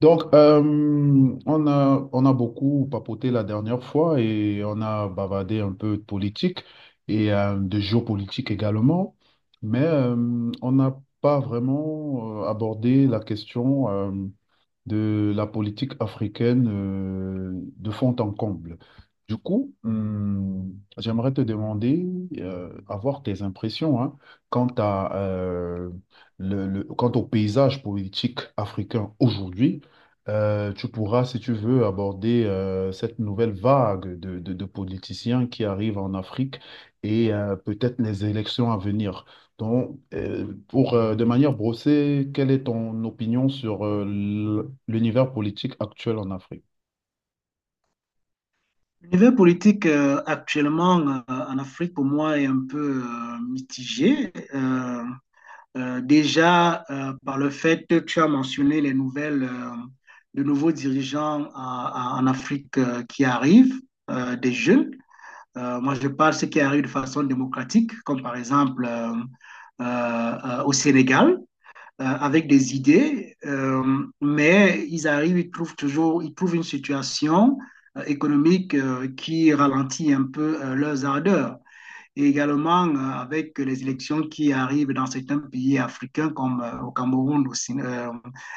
Donc, on a beaucoup papoté la dernière fois et on a bavardé un peu de politique et de géopolitique également, mais on n'a pas vraiment abordé la question de la politique africaine de fond en comble. Du coup, j'aimerais te demander, avoir tes impressions hein, quant à, quant au paysage politique africain aujourd'hui. Tu pourras, si tu veux, aborder cette nouvelle vague de, de politiciens qui arrivent en Afrique et peut-être les élections à venir. Donc, pour, de manière brossée, quelle est ton opinion sur l'univers politique actuel en Afrique? L'univers politique actuellement en Afrique, pour moi, est un peu mitigé. Déjà, par le fait que tu as mentionné les nouvelles, de nouveaux dirigeants en Afrique qui arrivent, des jeunes. Moi, je parle de ceux qui arrivent de façon démocratique, comme par exemple au Sénégal avec des idées, mais ils arrivent, ils trouvent toujours, ils trouvent une situation économique qui ralentit un peu leurs ardeurs, et également avec les élections qui arrivent dans certains pays africains comme au Cameroun,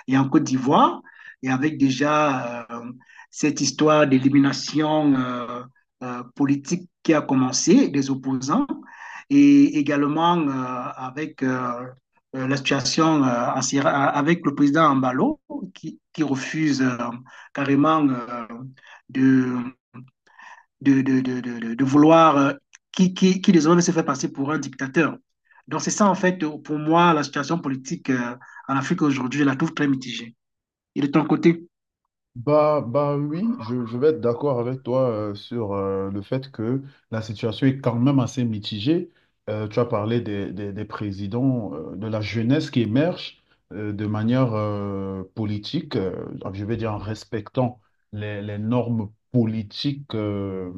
et en Côte d'Ivoire, et avec déjà cette histoire d'élimination politique qui a commencé des opposants, et également avec la situation en Sierra- avec le président Ambalo, qui refuse carrément de de vouloir, qui désormais se fait passer pour un dictateur. Donc c'est ça, en fait, pour moi, la situation politique en Afrique aujourd'hui, je la trouve très mitigée. Et de ton côté? Bah, bah oui, je vais être d'accord avec toi sur le fait que la situation est quand même assez mitigée. Tu as parlé des présidents, de la jeunesse qui émerge de manière politique, je vais dire en respectant les normes politiques,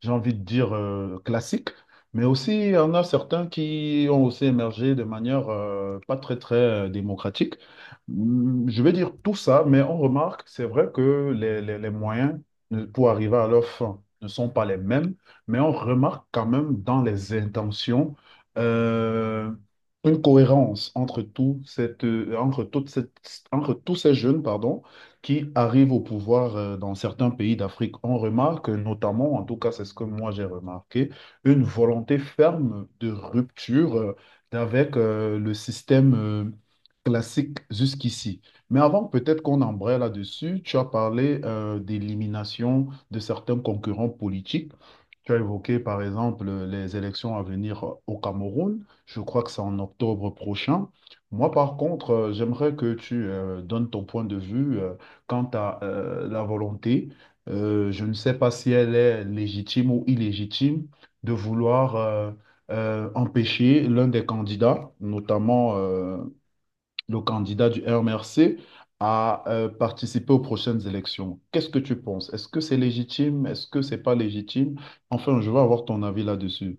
j'ai envie de dire, classiques, mais aussi il y en a certains qui ont aussi émergé de manière pas très, très démocratique. Je vais dire tout ça, mais on remarque, c'est vrai que les moyens, pour arriver à leur fin, ne sont pas les mêmes, mais on remarque quand même dans les intentions euh, une cohérence entre tout cette, entre toute cette, entre tous ces jeunes, pardon, qui arrivent au pouvoir dans certains pays d'Afrique. On remarque notamment, en tout cas c'est ce que moi j'ai remarqué, une volonté ferme de rupture avec le système classique jusqu'ici. Mais avant peut-être qu'on embraye là-dessus, tu as parlé d'élimination de certains concurrents politiques. Tu as évoqué par exemple les élections à venir au Cameroun. Je crois que c'est en octobre prochain. Moi, par contre, j'aimerais que tu donnes ton point de vue quant à la volonté, je ne sais pas si elle est légitime ou illégitime de vouloir empêcher l'un des candidats, notamment le candidat du RMRC, à participer aux prochaines élections. Qu'est-ce que tu penses? Est-ce que c'est légitime? Est-ce que c'est pas légitime? Enfin, je veux avoir ton avis là-dessus.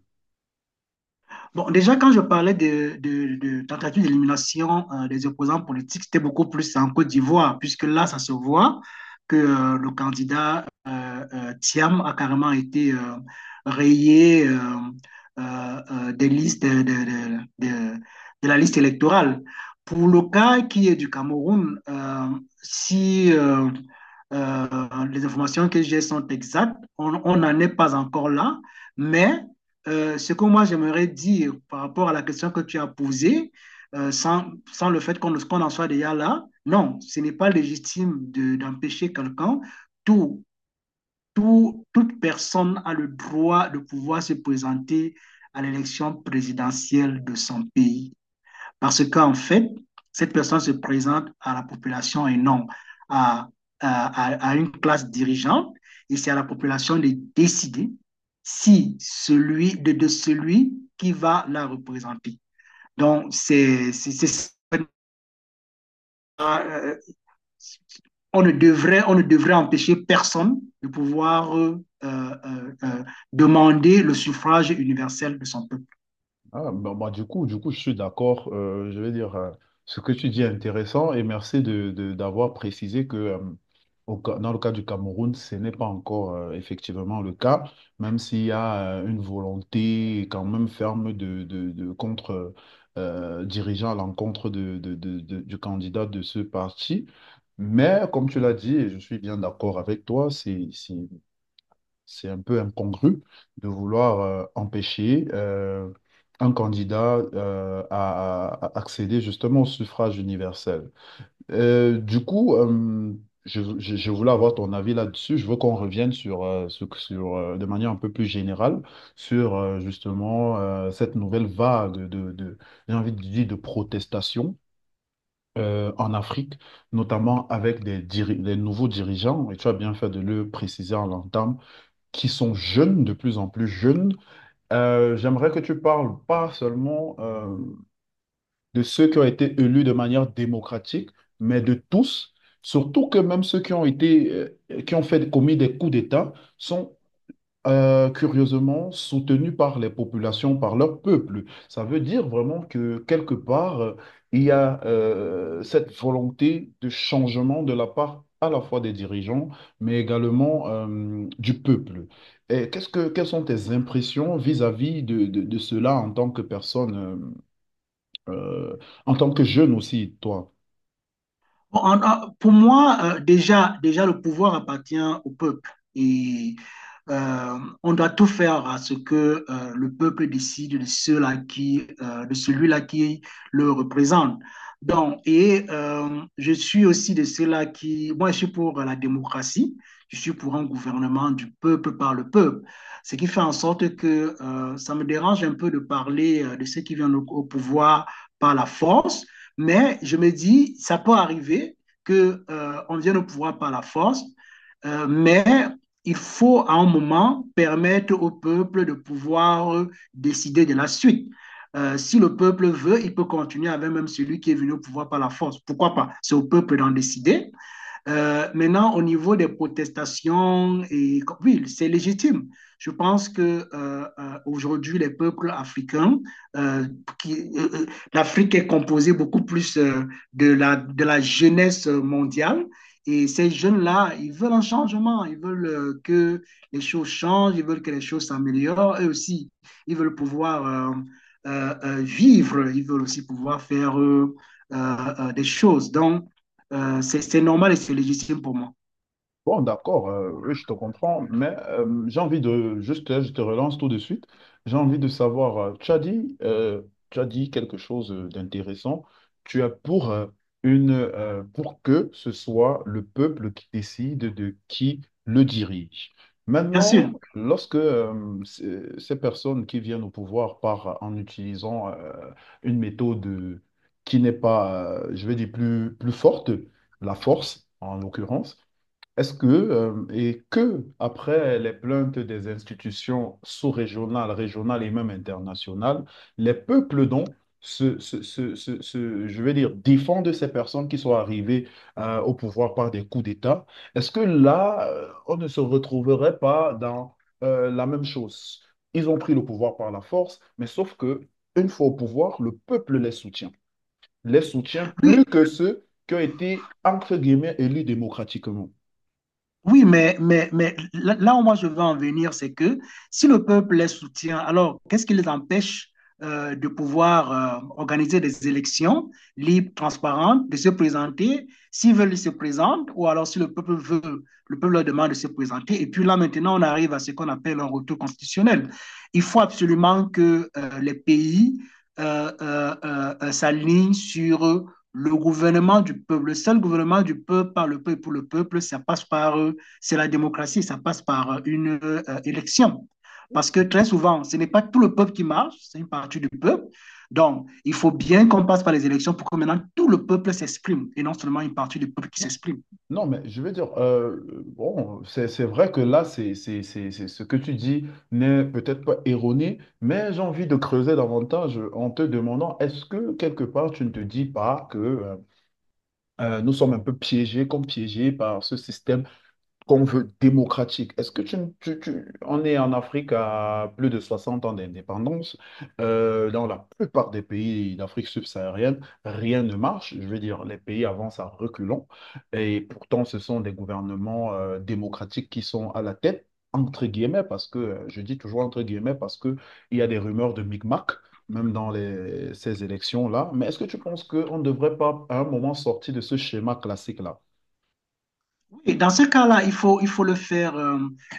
Bon, déjà, quand je parlais de tentative d'élimination des opposants politiques, c'était beaucoup plus en Côte d'Ivoire, puisque là, ça se voit que le candidat Thiam a carrément été rayé euh, des listes de la liste électorale. Pour le cas qui est du Cameroun, si euh, les informations que j'ai sont exactes. On n'en est pas encore là, mais ce que moi j'aimerais dire par rapport à la question que tu as posée, euh, sans, sans le fait qu'on en soit déjà là, non, ce n'est pas légitime de d'empêcher quelqu'un, tout toute personne a le droit de pouvoir se présenter à l'élection présidentielle de son pays. Parce qu'en fait, cette personne se présente à la population et non à, à une classe dirigeante. Et c'est à la population de décider si celui de celui qui va la représenter. Donc, c'est ça, on ne devrait empêcher personne de pouvoir euh, demander le suffrage universel de son peuple. Ah, bah, bah, du coup, je suis d'accord. Je veux dire, ce que tu dis est intéressant, et merci de, d'avoir précisé que, dans le cas du Cameroun, ce n'est pas encore effectivement le cas, même s'il y a une volonté quand même ferme de contre, dirigeant à l'encontre du candidat de ce parti. Mais comme tu l'as dit, et je suis bien d'accord avec toi, c'est un peu incongru de vouloir empêcher un candidat à accéder justement au suffrage universel. Du coup, je voulais avoir ton avis là-dessus. Je veux qu'on revienne sur, sur, de manière un peu plus générale, sur justement cette nouvelle vague j'ai envie de dire, de protestation, en Afrique, notamment avec des nouveaux dirigeants, et tu as bien fait de le préciser en l'entame, qui sont jeunes, de plus en plus jeunes. J'aimerais que tu parles pas seulement de ceux qui ont été élus de manière démocratique, mais de tous, surtout que même ceux qui ont été, qui ont fait commis des coups d'État sont curieusement soutenus par les populations, par leur peuple. Ça veut dire vraiment que quelque part, il y a cette volonté de changement de la part à la fois des dirigeants, mais également du peuple. Et qu'est-ce que, quelles sont tes impressions vis-à-vis de, de cela en tant que personne, euh, en tant que jeune aussi, toi. Pour moi, déjà, le pouvoir appartient au peuple, et on doit tout faire à ce que le peuple décide de celui-là qui le représente. Donc, et je suis aussi de ceux-là qui, moi, je suis pour la démocratie. Je suis pour un gouvernement du peuple par le peuple, ce qui fait en sorte que ça me dérange un peu de parler de ceux qui viennent au pouvoir par la force, mais je me dis, ça peut arriver que on vienne au pouvoir par la force, mais il faut à un moment permettre au peuple de pouvoir décider de la suite. Si le peuple veut, il peut continuer avec même celui qui est venu au pouvoir par la force. Pourquoi pas? C'est au peuple d'en décider. Maintenant, au niveau des protestations, et, oui, c'est légitime. Je pense que aujourd'hui, les peuples africains, euh, euh, euh, l'Afrique est composée beaucoup plus de la jeunesse mondiale. Et ces jeunes-là, ils veulent un changement, ils veulent que les choses changent, ils veulent que les choses s'améliorent. Eux aussi, ils veulent pouvoir vivre, ils veulent aussi pouvoir faire des choses. Donc, c'est normal et c'est légitime pour moi. Bon, d'accord, oui, je te comprends, mais j'ai envie de, juste, je te relance tout de suite, j'ai envie de savoir, tu as dit quelque chose d'intéressant, tu as pour, une, pour que ce soit le peuple qui décide de qui le dirige. Bien sûr. Maintenant, lorsque ces personnes qui viennent au pouvoir par, en utilisant une méthode qui n'est pas, je vais dire, plus, plus forte, la force en l'occurrence, est-ce que, et que, après les plaintes des institutions sous-régionales, régionales et même internationales, les peuples donc je vais dire, défendent ces personnes qui sont arrivées au pouvoir par des coups d'État, est-ce que là, on ne se retrouverait pas dans la même chose? Ils ont pris le pouvoir par la force, mais sauf que, une fois au pouvoir, le peuple les soutient. Les soutient plus Oui, que ceux qui ont été, entre guillemets, élus démocratiquement. oui, mais là où moi je veux en venir, c'est que si le peuple les soutient, alors qu'est-ce qui les empêche de pouvoir organiser des élections libres, transparentes, de se présenter. S'ils veulent, ils se présentent, ou alors si le peuple veut, le peuple leur demande de se présenter. Et puis là, maintenant, on arrive à ce qu'on appelle un retour constitutionnel. Il faut absolument que les pays s'alignent sur le gouvernement du peuple, le seul gouvernement du peuple, par le peuple, et pour le peuple. Ça passe par c'est la démocratie, ça passe par une élection. Parce que très souvent, ce n'est pas tout le peuple qui marche, c'est une partie du peuple. Donc, il faut bien qu'on passe par les élections pour que maintenant tout le peuple s'exprime, et non seulement une partie du peuple qui s'exprime. Non, mais je veux dire, bon, c'est vrai que là, ce que tu dis n'est peut-être pas erroné, mais j'ai envie de creuser davantage en te demandant, est-ce que quelque part tu ne te dis pas que nous sommes un peu piégés, comme piégés par ce système qu'on veut démocratique. Est-ce que on est en Afrique à plus de 60 ans d'indépendance. Dans la plupart des pays d'Afrique subsaharienne, rien ne marche. Je veux dire, les pays avancent à reculons. Et pourtant, ce sont des gouvernements démocratiques qui sont à la tête, entre guillemets, parce que, je dis toujours entre guillemets, parce que il y a des rumeurs de micmac, même dans ces élections-là. Mais est-ce que tu penses qu'on ne devrait pas, à un moment, sortir de ce schéma classique-là? Et dans ce cas-là, il faut le faire,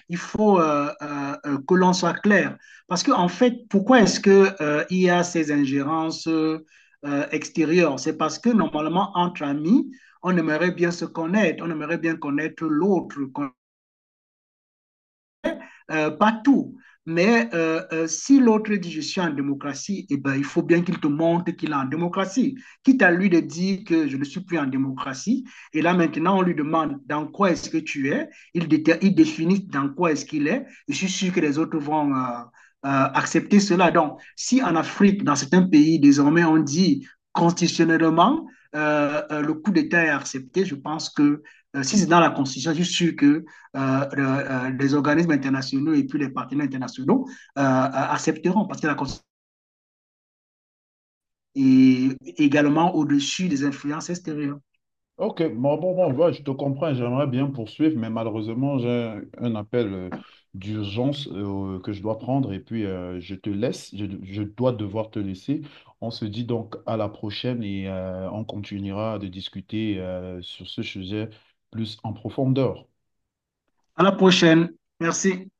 il faut que l'on soit clair. Parce que, en fait, pourquoi est-ce que, il y a ces ingérences extérieures? C'est parce que normalement, entre amis, on aimerait bien se connaître, on aimerait bien connaître l'autre, pas tout. Mais si l'autre dit je suis en démocratie, eh ben, il faut bien qu'il te montre qu'il est en démocratie. Quitte à lui de dire que je ne suis plus en démocratie. Et là maintenant, on lui demande dans quoi est-ce que tu es. Il définit dans quoi est-ce qu'il est. Je suis sûr que les autres vont accepter cela. Donc, si en Afrique, dans certains pays, désormais, on dit constitutionnellement le coup d'État est accepté, je pense que si c'est dans la Constitution, je suis sûr que euh, des organismes internationaux et puis les partenaires internationaux accepteront, parce que la Constitution est également au-dessus des influences extérieures. Ok, bon, bon, bon, ouais, je te comprends, j'aimerais bien poursuivre, mais malheureusement, j'ai un appel d'urgence que je dois prendre, et puis je te laisse, je dois devoir te laisser. On se dit donc à la prochaine, et on continuera de discuter sur ce sujet plus en profondeur. À la prochaine. Merci.